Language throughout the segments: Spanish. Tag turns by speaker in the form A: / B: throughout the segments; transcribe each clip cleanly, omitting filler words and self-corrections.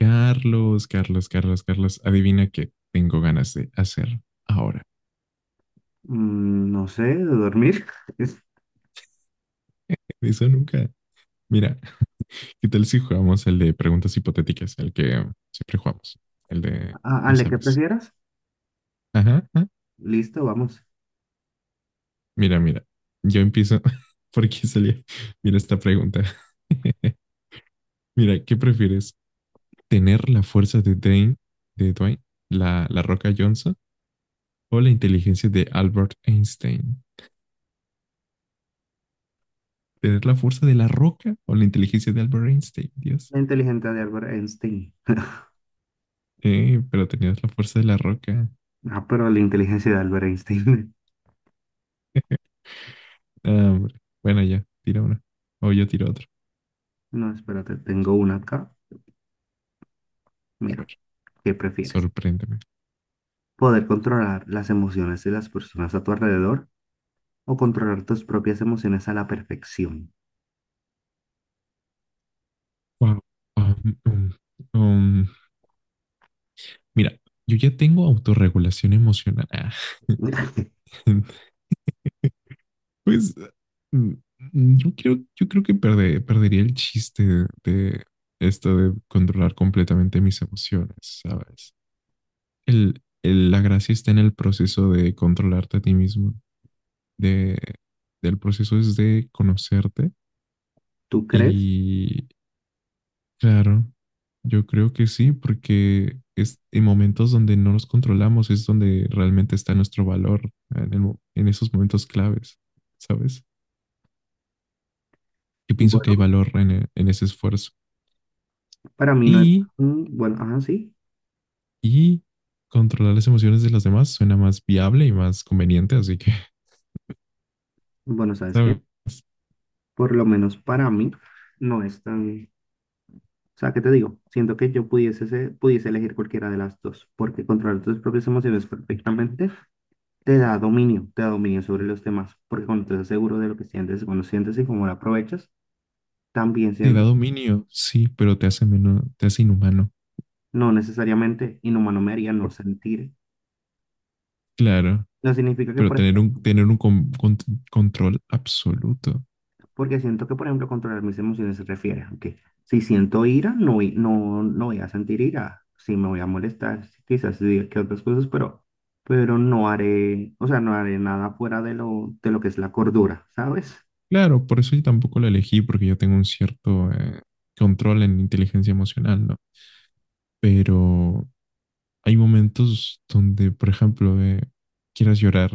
A: Carlos, Carlos, Carlos, Carlos, adivina qué tengo ganas de hacer ahora.
B: No sé, de dormir. Es,
A: Eso nunca. Mira, ¿qué tal si jugamos el de preguntas hipotéticas, el que siempre jugamos? El de, ya
B: ¿Qué
A: sabes.
B: prefieras?
A: Ajá, ajá.
B: Listo, vamos.
A: Mira, mira, yo empiezo porque salía. Mira esta pregunta. Mira, ¿qué prefieres? ¿Tener la fuerza de Dwayne, de Dwayne, la Roca Johnson, o la inteligencia de Albert Einstein? ¿Tener la fuerza de la Roca o la inteligencia de Albert Einstein? Dios.
B: La inteligencia de Albert Einstein.
A: Sí, pero tenías la fuerza de la roca.
B: Ah, pero la inteligencia de Albert Einstein.
A: Ah, hombre. Bueno, ya, tira una. O yo tiro otra.
B: No, espérate, tengo una acá.
A: A
B: Mira,
A: ver,
B: ¿qué prefieres?
A: sorpréndeme.
B: ¿Poder controlar las emociones de las personas a tu alrededor o controlar tus propias emociones a la perfección?
A: Wow. Um, um, um, mira, yo ya tengo autorregulación emocional. Ah, pues mm, yo creo que perdería el chiste de esto de controlar completamente mis emociones, ¿sabes? La gracia está en el proceso de controlarte a ti mismo, de, del proceso es de conocerte.
B: ¿Tú crees?
A: Y claro, yo creo que sí, porque es en momentos donde no nos controlamos es donde realmente está nuestro valor, en, en esos momentos claves, ¿sabes? Yo pienso que
B: Bueno,
A: hay valor en, en ese esfuerzo.
B: para mí no es
A: Y,
B: tan... Bueno, ajá, sí.
A: y controlar las emociones de los demás suena más viable y más conveniente, así que,
B: Bueno, ¿sabes qué?
A: ¿sabes?
B: Por lo menos para mí no es tan. O sea, ¿qué te digo? Siento que yo pudiese, pudiese elegir cualquiera de las dos, porque controlar tus propias emociones perfectamente te da dominio sobre los demás, porque cuando estás seguro de lo que sientes, cuando sientes y cómo lo aprovechas, también
A: Te da
B: siento,
A: dominio, sí, pero te hace menos, te hace inhumano.
B: no necesariamente inhumano me haría no
A: Por-
B: sentir.
A: Claro,
B: No significa que,
A: pero
B: por.
A: tener un, control absoluto.
B: Porque siento que, por ejemplo, controlar mis emociones se refiere a que si siento ira, no, no, no voy a sentir ira. Sí me voy a molestar, sí, quizás diga que otras cosas, pero no haré, o sea, no haré nada fuera de lo que es la cordura, ¿sabes?
A: Claro, por eso yo tampoco la elegí, porque yo tengo un cierto control en inteligencia emocional, ¿no? Pero hay momentos donde, por ejemplo, quieras llorar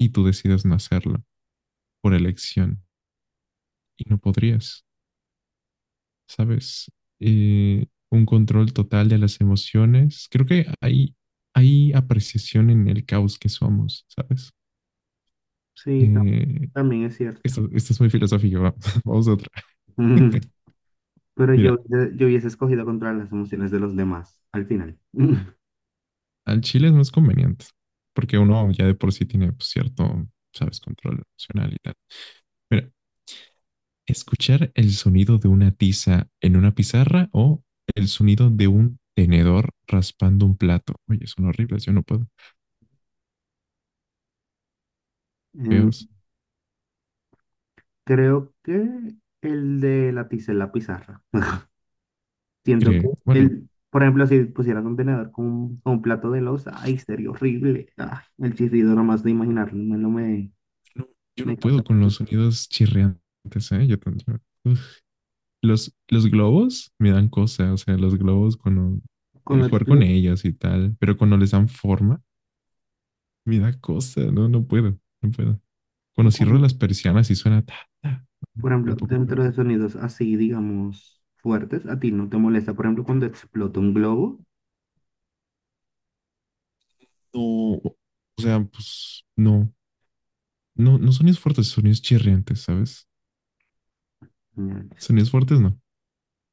A: y tú decidas no hacerlo por elección y no podrías, ¿sabes? Un control total de las emociones. Creo que hay apreciación en el caos que somos, ¿sabes?
B: Sí,
A: Eh,
B: también es cierto.
A: esto es muy filosófico, vamos a otra.
B: Pero yo,
A: Mira,
B: yo hubiese escogido controlar las emociones de los demás al final.
A: al chile no es más conveniente, porque uno ya de por sí tiene pues, cierto, sabes, control emocional y tal. Mira, escuchar el sonido de una tiza en una pizarra o el sonido de un tenedor raspando un plato. Oye, son horribles, yo no puedo.
B: Em,
A: Feos,
B: creo que el de la tiza en la pizarra. Siento que
A: creo. Bueno,
B: el, por ejemplo, si pusieras un tenedor con un plato de loza, ay, sería horrible. Ay, el chirrido nomás de imaginarlo, no no me,
A: no, yo no
B: me causa
A: puedo con
B: cosas.
A: los sonidos chirriantes, ¿eh? Uf. Los globos me dan cosas, o sea, los globos cuando
B: Cuando
A: jugar con
B: explota
A: ellos y tal, pero cuando les dan forma, me da cosa, no, no puedo, no puedo.
B: y
A: Cuando cierro
B: cuando,
A: las persianas y suena ta, ta, bueno,
B: por ejemplo,
A: tampoco, pero
B: dentro de sonidos así, digamos, fuertes, a ti no te molesta, por ejemplo, cuando explota un globo.
A: no, o sea, pues no, no, no sonidos fuertes, sonidos chirriantes, ¿sabes?
B: Señales.
A: Sonidos fuertes no,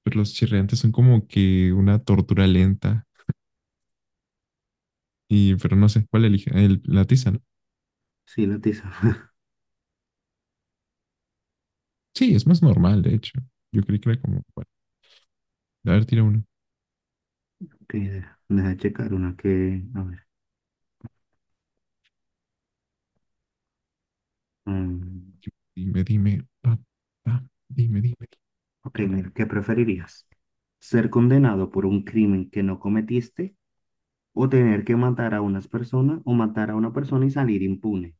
A: pero los chirriantes son como que una tortura lenta y, pero no sé, ¿cuál elige? La tiza, ¿no?
B: Sí, la tiza.
A: Sí, es más normal, de hecho. Yo creí que era como, bueno, a ver, tira uno.
B: Ok, deja checar una que, a ver. mm,
A: Dime, dime, pa, pa, dime, dime.
B: ok, mira, ¿qué preferirías? ¿Ser condenado por un crimen que no cometiste? ¿O tener que matar a unas personas o matar a una persona y salir impune?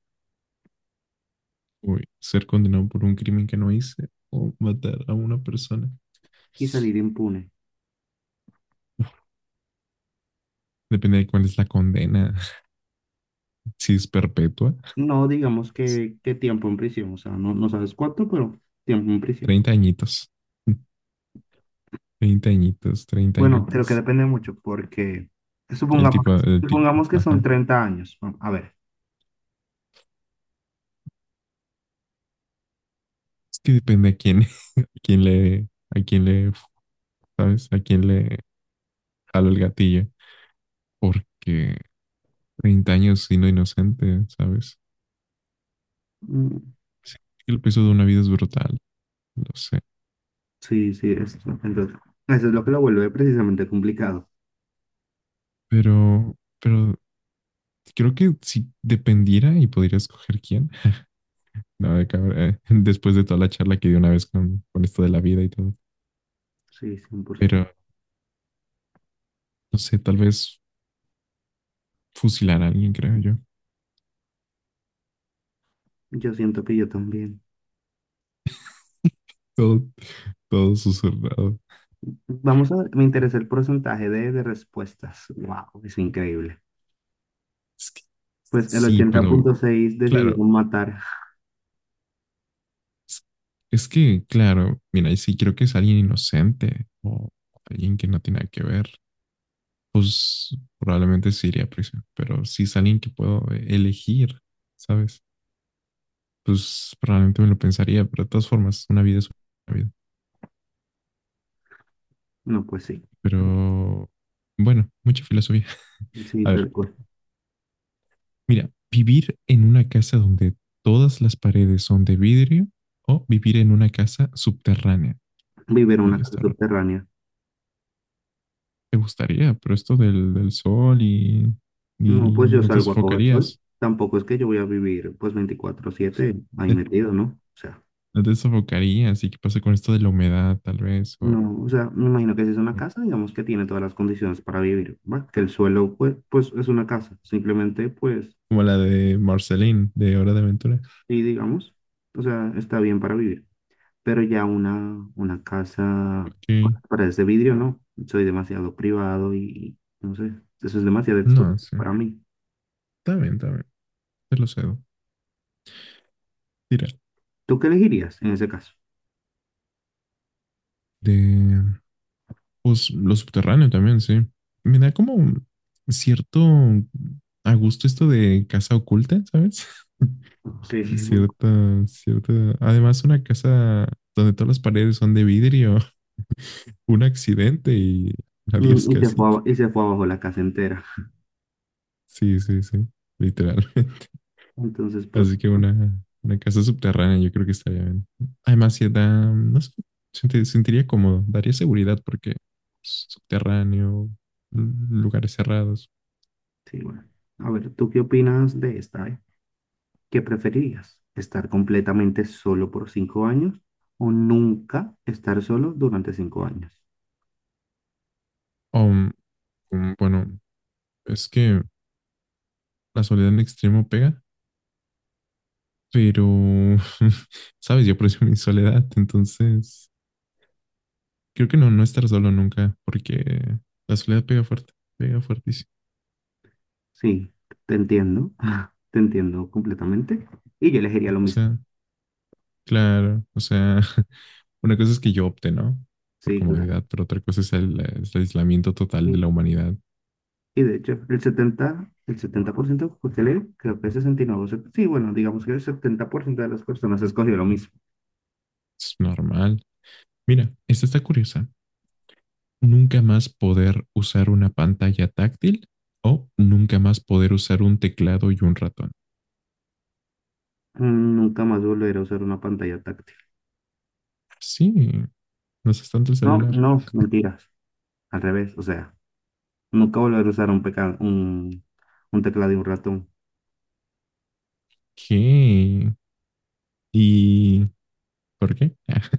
A: Uy, ser condenado por un crimen que no hice o matar a una persona.
B: Y salir impune.
A: Depende de cuál es la condena, si es perpetua.
B: No digamos
A: Pues,
B: que tiempo en prisión, o sea, no, no sabes cuánto, pero tiempo en prisión.
A: 30 añitos. 30 añitos, 30
B: Bueno, creo que
A: añitos.
B: depende mucho porque
A: El
B: supongamos,
A: tipo, el tipo,
B: supongamos que son
A: ajá.
B: 30 años. Bueno, a ver.
A: Es que depende a quién, a quién le, a quién le, ¿sabes? A quién le jalo el gatillo. Porque 30 años siendo inocente, ¿sabes?
B: Mm.
A: Sí, el peso de una vida es brutal, lo sé.
B: Sí, sí, eso, entonces, eso es lo que lo vuelve precisamente complicado.
A: Pero creo que si dependiera y podría escoger quién. No, después de toda la charla que di una vez con esto de la vida y todo.
B: Sí, 100%.
A: Pero, no sé, tal vez fusilar a alguien, creo yo.
B: Yo siento que yo también.
A: Todo, todo susurrado.
B: Vamos a ver, me interesa el porcentaje de respuestas. Wow, es increíble.
A: Es que
B: Pues el
A: sí,
B: ochenta
A: pero
B: punto seis
A: claro,
B: decidieron matar.
A: es, claro, mira, y si creo que es alguien inocente o alguien que no tiene nada que ver, pues probablemente sí iría a prisión. Pero si es alguien que puedo elegir, ¿sabes? Pues probablemente me lo pensaría, pero de todas formas, una vida es una vida.
B: No, pues sí,
A: Pero bueno, mucha filosofía.
B: sí,
A: A ver,
B: tal cual.
A: mira, vivir en una casa donde todas las paredes son de vidrio o vivir en una casa subterránea.
B: Vivir en una
A: Oye,
B: casa
A: está raro.
B: subterránea.
A: Te gustaría, pero esto del sol y,
B: No,
A: y
B: pues yo
A: no te
B: salgo a coger sol.
A: sofocarías.
B: Tampoco es que yo voy a vivir pues 24/7 ahí metido, ¿no? O sea,
A: No te sofocarías. ¿Y qué pasa con esto de la humedad, tal vez? O,
B: no, o sea, me imagino que si es una
A: o
B: casa, digamos que tiene todas las condiciones para vivir, ¿va? Que el suelo pues, pues es una casa, simplemente pues,
A: como la de Marceline, de Hora de Aventura.
B: y digamos, o sea, está bien para vivir. Pero ya una casa con
A: Ok.
B: las paredes de vidrio, no. Soy demasiado privado y no sé, eso es demasiado expuesto
A: No, sí.
B: para mí.
A: Está bien, está bien. Te lo cedo. Tira.
B: ¿Tú qué elegirías en ese caso?
A: De, pues, lo subterráneo también, sí. Me da como un cierto a gusto esto de casa oculta, ¿sabes?
B: Sí, sí, sí.
A: Cierta, cierta. Además, una casa donde todas las paredes son de vidrio. Un accidente y adiós
B: Y se fue,
A: casita.
B: y se fue abajo la casa entera.
A: Sí, sí, sí, literal.
B: Entonces,
A: Así
B: próximo.
A: que una casa subterránea yo creo que estaría bien. Además, si da, no sé, sentiría cómodo, daría seguridad porque subterráneo, lu- lugares cerrados.
B: Sí, bueno. A ver, ¿tú qué opinas de esta, eh? ¿Qué preferirías? ¿Estar completamente solo por 5 años o nunca estar solo durante 5 años?
A: O, bueno, es que la soledad en extremo pega, pero, sabes, yo aprecio mi soledad, entonces creo que no, no estar solo nunca porque la soledad pega fuerte, pega fuertísimo.
B: Sí, te entiendo. Te entiendo completamente. Y yo elegiría lo
A: O
B: mismo.
A: sea, claro, o sea, una cosa es que yo opte, ¿no? Por
B: Sí, claro.
A: comodidad, pero otra cosa es es el aislamiento total de
B: Y,
A: la humanidad.
B: y de hecho, el setenta por ciento que usted lee, creo que el 69%, sí, bueno, digamos que el 70% de las personas escogió lo mismo.
A: Es normal. Mira, esta está curiosa. Nunca más poder usar una pantalla táctil o nunca más poder usar un teclado y un ratón.
B: Mm. Nunca más volveré a usar una pantalla táctil.
A: Sí, no es tanto el
B: No,
A: celular.
B: no, mentiras. Al revés, o sea, nunca volveré a usar un, un teclado y un ratón.
A: ¿Qué? ¿Y por qué?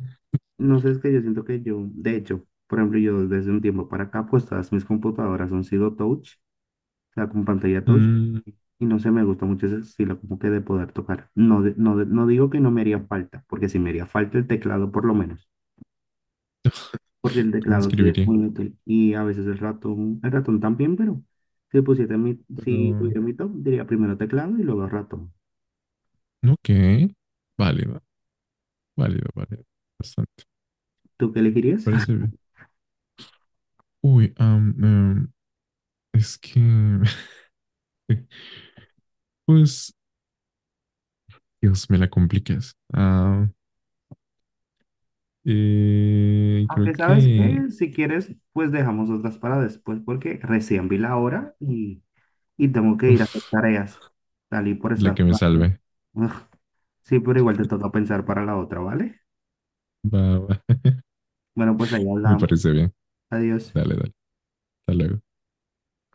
B: No sé, es que yo siento que yo, de hecho, por ejemplo, yo desde un tiempo para acá, pues todas mis computadoras han sido touch. Sea, con pantalla touch.
A: Mm,
B: Y no sé, me gusta mucho ese estilo como que de poder tocar. No, no, no digo que no me haría falta, porque sí me haría falta el teclado por lo menos, porque el
A: ¿cómo
B: teclado sí es
A: escribiría?
B: muy útil y a veces el ratón también, pero si pusiera mi, si
A: Pero,
B: tuviera mi top, diría primero teclado y luego ratón.
A: no, ¿qué? Válido, válido, válido. Bastante.
B: ¿Tú qué elegirías?
A: Parece bien. Uy, es que, pues, Dios, me la complicas. Ah,
B: Aunque
A: creo
B: sabes
A: que,
B: que si quieres, pues dejamos otras para después, porque recién vi la hora y tengo que ir a hacer
A: uf,
B: tareas. Salí por
A: la
B: estar
A: que me
B: jugando.
A: salve.
B: Sí, pero igual te toca pensar para la otra, ¿vale?
A: Va, va.
B: Bueno, pues ahí
A: Me
B: hablamos.
A: parece bien.
B: Adiós.
A: Dale, dale. Hasta luego.